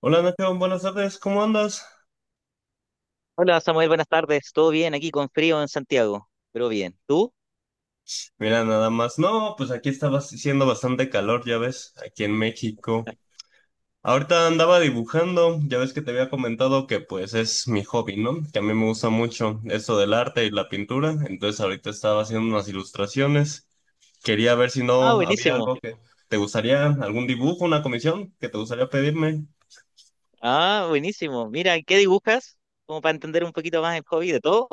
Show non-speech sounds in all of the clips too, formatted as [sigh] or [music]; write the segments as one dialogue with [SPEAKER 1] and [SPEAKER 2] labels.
[SPEAKER 1] Hola Nacho, buenas tardes, ¿cómo andas?
[SPEAKER 2] Hola Samuel, buenas tardes. ¿Todo bien aquí con frío en Santiago? Pero bien. ¿Tú?
[SPEAKER 1] Mira, nada más. No, pues aquí estaba haciendo bastante calor, ya ves, aquí en México. Ahorita andaba dibujando, ya ves que te había comentado que pues es mi hobby, ¿no? Que a mí me gusta mucho eso del arte y la pintura, entonces ahorita estaba haciendo unas ilustraciones. Quería ver si
[SPEAKER 2] Ah,
[SPEAKER 1] no había
[SPEAKER 2] buenísimo.
[SPEAKER 1] algo que te gustaría, algún dibujo, una comisión que te gustaría pedirme.
[SPEAKER 2] Ah, buenísimo. Mira, ¿qué dibujas? Como para entender un poquito más el hobby de todo.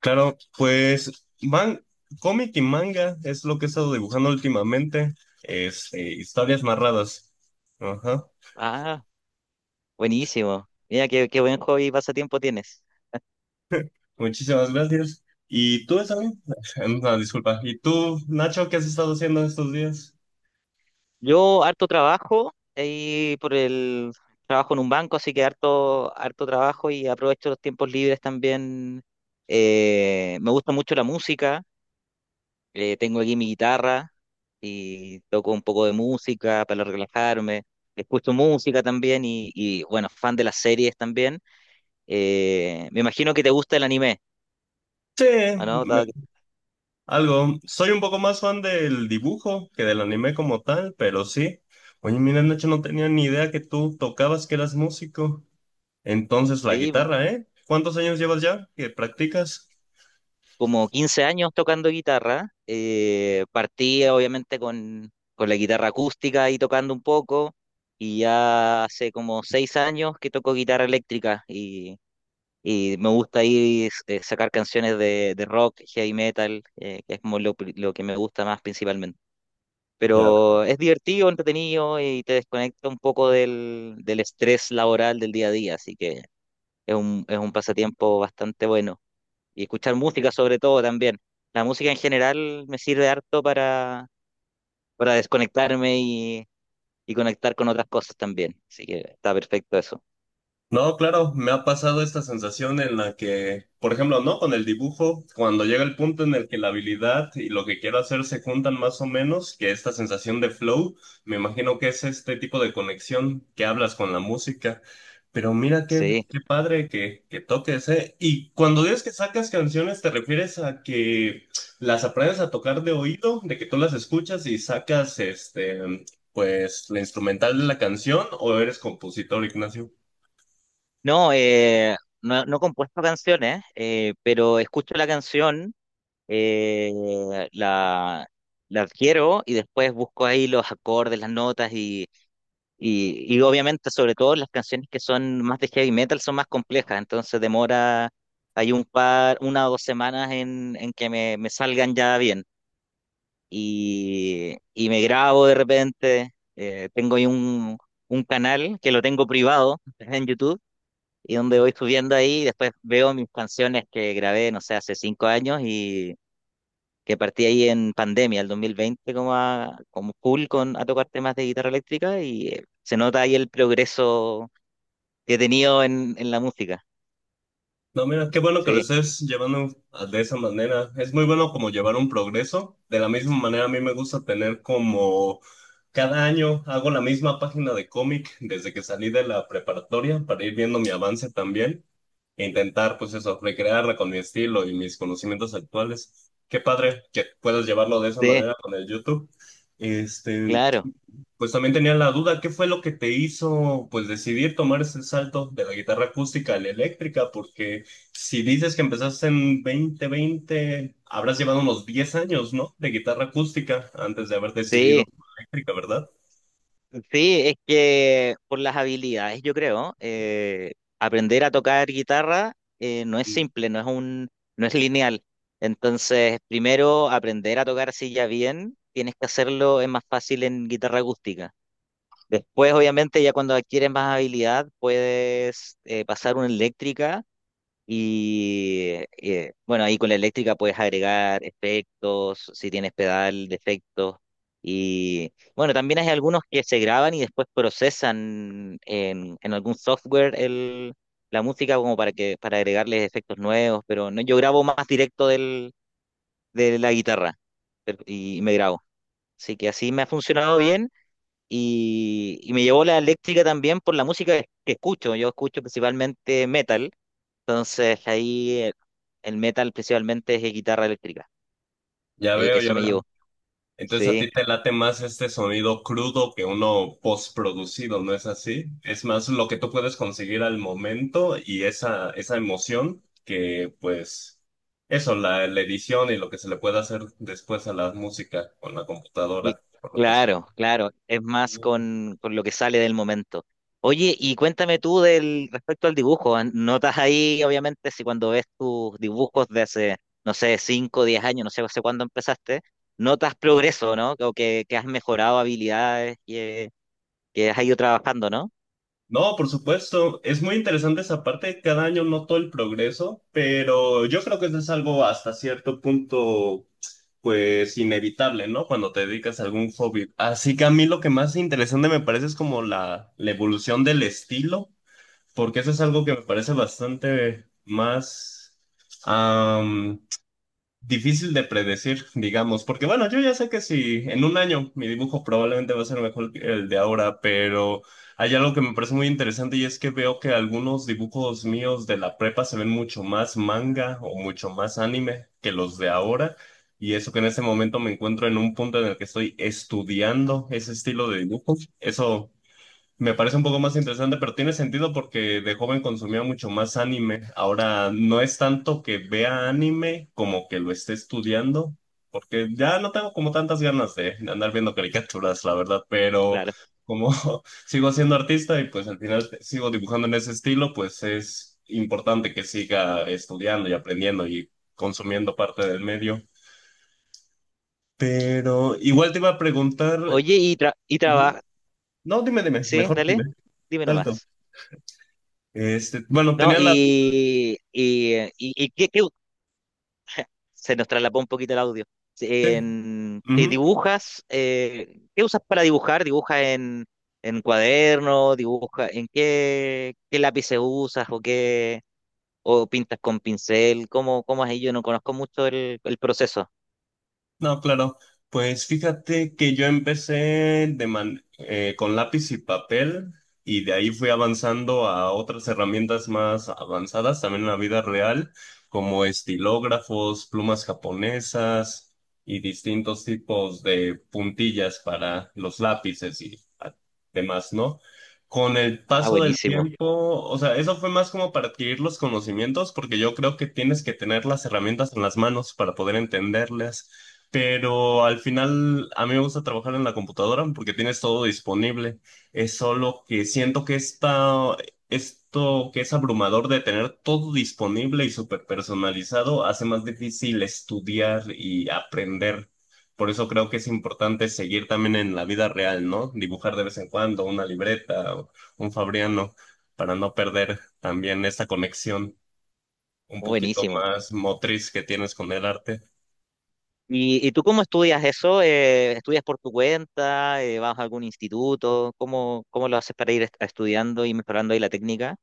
[SPEAKER 1] Claro, pues man, cómic y manga es lo que he estado dibujando últimamente, es historias narradas. Ajá,
[SPEAKER 2] Ah, buenísimo. Mira, qué buen hobby y pasatiempo tienes.
[SPEAKER 1] muchísimas gracias. ¿Y tú, Sammy? [laughs] No, disculpa. ¿Y tú, Nacho, qué has estado haciendo estos días?
[SPEAKER 2] Yo harto trabajo y por el trabajo en un banco, así que harto trabajo y aprovecho los tiempos libres también. Me gusta mucho la música. Tengo aquí mi guitarra y toco un poco de música para relajarme. Escucho música también bueno, fan de las series también. Me imagino que te gusta el anime,
[SPEAKER 1] Sí,
[SPEAKER 2] ¿o no?
[SPEAKER 1] me-
[SPEAKER 2] Dado,
[SPEAKER 1] algo. Soy un poco más fan del dibujo que del anime como tal, pero sí. Oye, mira, Nacho, no tenía ni idea que tú tocabas, que eras músico. Entonces, la
[SPEAKER 2] sí,
[SPEAKER 1] guitarra, ¿eh? ¿Cuántos años llevas ya que practicas?
[SPEAKER 2] como 15 años tocando guitarra. Partí obviamente con la guitarra acústica y tocando un poco, y ya hace como 6 años que toco guitarra eléctrica. Y me gusta ahí, sacar canciones de rock, heavy metal, que es como lo que me gusta más principalmente. Pero es divertido, entretenido y te desconecta un poco del estrés laboral del día a día, así que es es un pasatiempo bastante bueno. Y escuchar música sobre todo también. La música en general me sirve harto para desconectarme y conectar con otras cosas también, así que está perfecto eso.
[SPEAKER 1] No, claro, me ha pasado esta sensación en la que, por ejemplo, ¿no? Con el dibujo, cuando llega el punto en el que la habilidad y lo que quiero hacer se juntan más o menos, que esta sensación de flow, me imagino que es este tipo de conexión que hablas con la música. Pero mira qué,
[SPEAKER 2] Sí.
[SPEAKER 1] qué padre que toques, ¿eh? Y cuando dices que sacas canciones, ¿te refieres a que las aprendes a tocar de oído, de que tú las escuchas y sacas, este, pues, la instrumental de la canción, o eres compositor, Ignacio?
[SPEAKER 2] No, no, no he compuesto canciones, pero escucho la canción, eh, la, la adquiero y después busco ahí los acordes, las notas y obviamente sobre todo las canciones que son más de heavy metal son más complejas, entonces demora, hay un par, una o dos semanas en que me salgan ya bien y me grabo de repente, tengo ahí un canal que lo tengo privado [laughs] en YouTube y donde voy subiendo ahí, después veo mis canciones que grabé, no sé, hace 5 años y que partí ahí en pandemia, el 2020, como full a tocar temas de guitarra eléctrica y se nota ahí el progreso que he tenido en la música.
[SPEAKER 1] No, mira, qué bueno que lo
[SPEAKER 2] Sí,
[SPEAKER 1] estés llevando de esa manera. Es muy bueno como llevar un progreso. De la misma manera, a mí me gusta tener como cada año hago la misma página de cómic desde que salí de la preparatoria para ir viendo mi avance también e intentar, pues eso, recrearla con mi estilo y mis conocimientos actuales. Qué padre que puedas llevarlo de esa
[SPEAKER 2] sí,
[SPEAKER 1] manera con el YouTube. Este,
[SPEAKER 2] claro,
[SPEAKER 1] pues también tenía la duda, ¿qué fue lo que te hizo pues decidir tomar ese salto de la guitarra acústica a la eléctrica? Porque si dices que empezaste en 2020, habrás llevado unos 10 años, ¿no? De guitarra acústica antes de haber decidido
[SPEAKER 2] sí.
[SPEAKER 1] por la eléctrica, ¿verdad?
[SPEAKER 2] Sí, es que por las habilidades, yo creo. Aprender a tocar guitarra no es
[SPEAKER 1] Mm,
[SPEAKER 2] simple, no es lineal. Entonces, primero aprender a tocar así ya bien, tienes que hacerlo, es más fácil en guitarra acústica. Después, obviamente, ya cuando adquieres más habilidad, puedes, pasar una eléctrica y, bueno, ahí con la eléctrica puedes agregar efectos, si tienes pedal de efectos. Y bueno, también hay algunos que se graban y después procesan en algún software la música como para para agregarles efectos nuevos, pero no, yo grabo más directo de la guitarra y me grabo. Así que así me ha funcionado bien y me llevó la eléctrica también por la música que escucho. Yo escucho principalmente metal, entonces ahí, el metal principalmente es de guitarra eléctrica.
[SPEAKER 1] ya veo, ya
[SPEAKER 2] Eso me
[SPEAKER 1] veo.
[SPEAKER 2] llevó.
[SPEAKER 1] Entonces a ti
[SPEAKER 2] Sí.
[SPEAKER 1] te late más este sonido crudo que uno postproducido, ¿no es así? Es más lo que tú puedes conseguir al momento y esa emoción que pues eso, la edición y lo que se le puede hacer después a la música con la
[SPEAKER 2] Y-
[SPEAKER 1] computadora, por lo que es.
[SPEAKER 2] Claro, claro. Es más con lo que sale del momento. Oye, y cuéntame tú del respecto al dibujo. ¿Notas ahí, obviamente, si cuando ves tus dibujos de hace, no sé, 5 o 10 años, no sé hace cuándo empezaste, notas progreso, ¿no? Que has mejorado habilidades y, que has ido trabajando, ¿no?
[SPEAKER 1] No, por supuesto, es muy interesante esa parte, cada año noto el progreso, pero yo creo que eso es algo hasta cierto punto pues inevitable, ¿no? Cuando te dedicas a algún hobby. Así que a mí lo que más interesante me parece es como la evolución del estilo, porque eso es algo que me parece bastante más difícil de predecir, digamos, porque bueno, yo ya sé que si en un año mi dibujo probablemente va a ser mejor que el de ahora, pero hay algo que me parece muy interesante y es que veo que algunos dibujos míos de la prepa se ven mucho más manga o mucho más anime que los de ahora. Y eso que en ese momento me encuentro en un punto en el que estoy estudiando ese estilo de dibujo, eso me parece un poco más interesante, pero tiene sentido porque de joven consumía mucho más anime. Ahora no es tanto que vea anime como que lo esté estudiando, porque ya no tengo como tantas ganas de andar viendo caricaturas, la verdad, pero
[SPEAKER 2] Claro.
[SPEAKER 1] como [laughs] sigo siendo artista y pues al final sigo dibujando en ese estilo, pues es importante que siga estudiando y aprendiendo y consumiendo parte del medio. Pero igual te iba a preguntar,
[SPEAKER 2] Oye, y
[SPEAKER 1] ujú.
[SPEAKER 2] trabaja.
[SPEAKER 1] No,
[SPEAKER 2] Sí,
[SPEAKER 1] mejor dime,
[SPEAKER 2] dale. Dime
[SPEAKER 1] dale tú.
[SPEAKER 2] nomás.
[SPEAKER 1] Este, bueno,
[SPEAKER 2] No,
[SPEAKER 1] tenía la...
[SPEAKER 2] y qué- qué- [laughs] se nos traslapó un poquito el audio. Sí.
[SPEAKER 1] Sí,
[SPEAKER 2] ¿Te
[SPEAKER 1] ujú.
[SPEAKER 2] dibujas? ¿Qué usas para dibujar? ¿Dibujas en cuaderno? ¿Dibuja en qué, qué lápices usas o qué, o pintas con pincel? ¿Cómo, cómo es ahí? Yo no conozco mucho el proceso.
[SPEAKER 1] No, claro. Pues fíjate que yo empecé de con lápiz y papel y de ahí fui avanzando a otras herramientas más avanzadas también en la vida real, como estilógrafos, plumas japonesas y distintos tipos de puntillas para los lápices y demás, ¿no? Con el
[SPEAKER 2] Ah,
[SPEAKER 1] paso del tiempo, o sea, eso fue más como para adquirir los conocimientos, porque yo creo que tienes que tener las herramientas en las manos para poder entenderlas. Pero al final a mí me gusta trabajar en la computadora porque tienes todo disponible. Es solo que siento que esto que es abrumador de tener todo disponible y súper personalizado hace más difícil estudiar y aprender. Por eso creo que es importante seguir también en la vida real, ¿no? Dibujar de vez en cuando una libreta o un fabriano para no perder también esta conexión un poquito
[SPEAKER 2] buenísimo.
[SPEAKER 1] más motriz que tienes con el arte.
[SPEAKER 2] ¿Y tú cómo estudias eso? ¿Estudias por tu cuenta? ¿Vas a algún instituto? ¿Cómo, cómo lo haces para ir estudiando y mejorando ahí la técnica?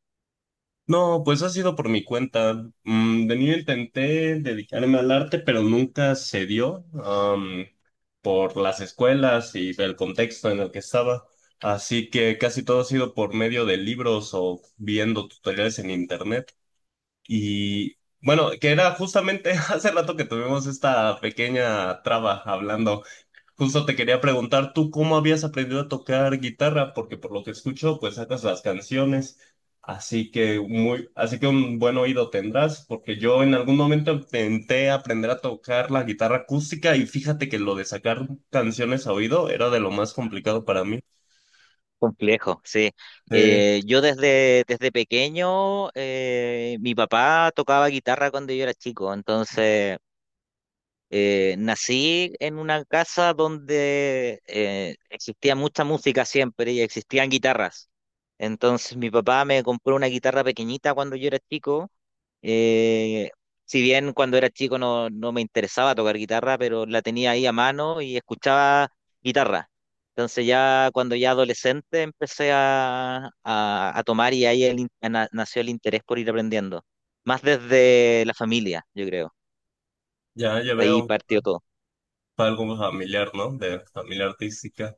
[SPEAKER 1] No, pues ha sido por mi cuenta. Mm, de niño intenté dedicarme al arte, pero nunca se dio, por las escuelas y el contexto en el que estaba. Así que casi todo ha sido por medio de libros o viendo tutoriales en internet. Y bueno, que era justamente [laughs] hace rato que tuvimos esta pequeña traba hablando. Justo te quería preguntar, ¿tú cómo habías aprendido a tocar guitarra? Porque por lo que escucho, pues sacas las canciones, así que muy, así que un buen oído tendrás, porque yo en algún momento intenté aprender a tocar la guitarra acústica y fíjate que lo de sacar canciones a oído era de lo más complicado para mí.
[SPEAKER 2] Complejo, sí.
[SPEAKER 1] Sí,
[SPEAKER 2] Yo desde pequeño, mi papá tocaba guitarra cuando yo era chico, entonces… Nací en una casa donde existía mucha música siempre y existían guitarras. Entonces mi papá me compró una guitarra pequeñita cuando yo era chico. Eh, si bien cuando era chico no me interesaba tocar guitarra, pero la tenía ahí a mano y escuchaba guitarra. Entonces ya cuando ya adolescente empecé a tomar y ahí nació el interés por ir aprendiendo. Más desde la familia, yo creo.
[SPEAKER 1] ya, ya
[SPEAKER 2] Ahí
[SPEAKER 1] veo,
[SPEAKER 2] partió todo.
[SPEAKER 1] fue algo familiar, ¿no? De familia artística.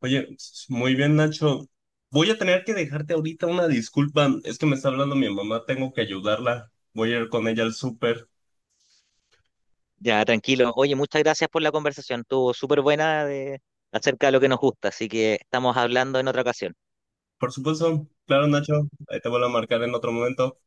[SPEAKER 1] Oye, muy bien, Nacho. Voy a tener que dejarte ahorita una disculpa. Es que me está hablando mi mamá, tengo que ayudarla. Voy a ir con ella al súper.
[SPEAKER 2] Ya, tranquilo. Oye, muchas gracias por la conversación. Estuvo súper buena de, acerca de lo que nos gusta, así que estamos hablando en otra ocasión.
[SPEAKER 1] Por supuesto, claro, Nacho. Ahí te vuelvo a marcar en otro momento.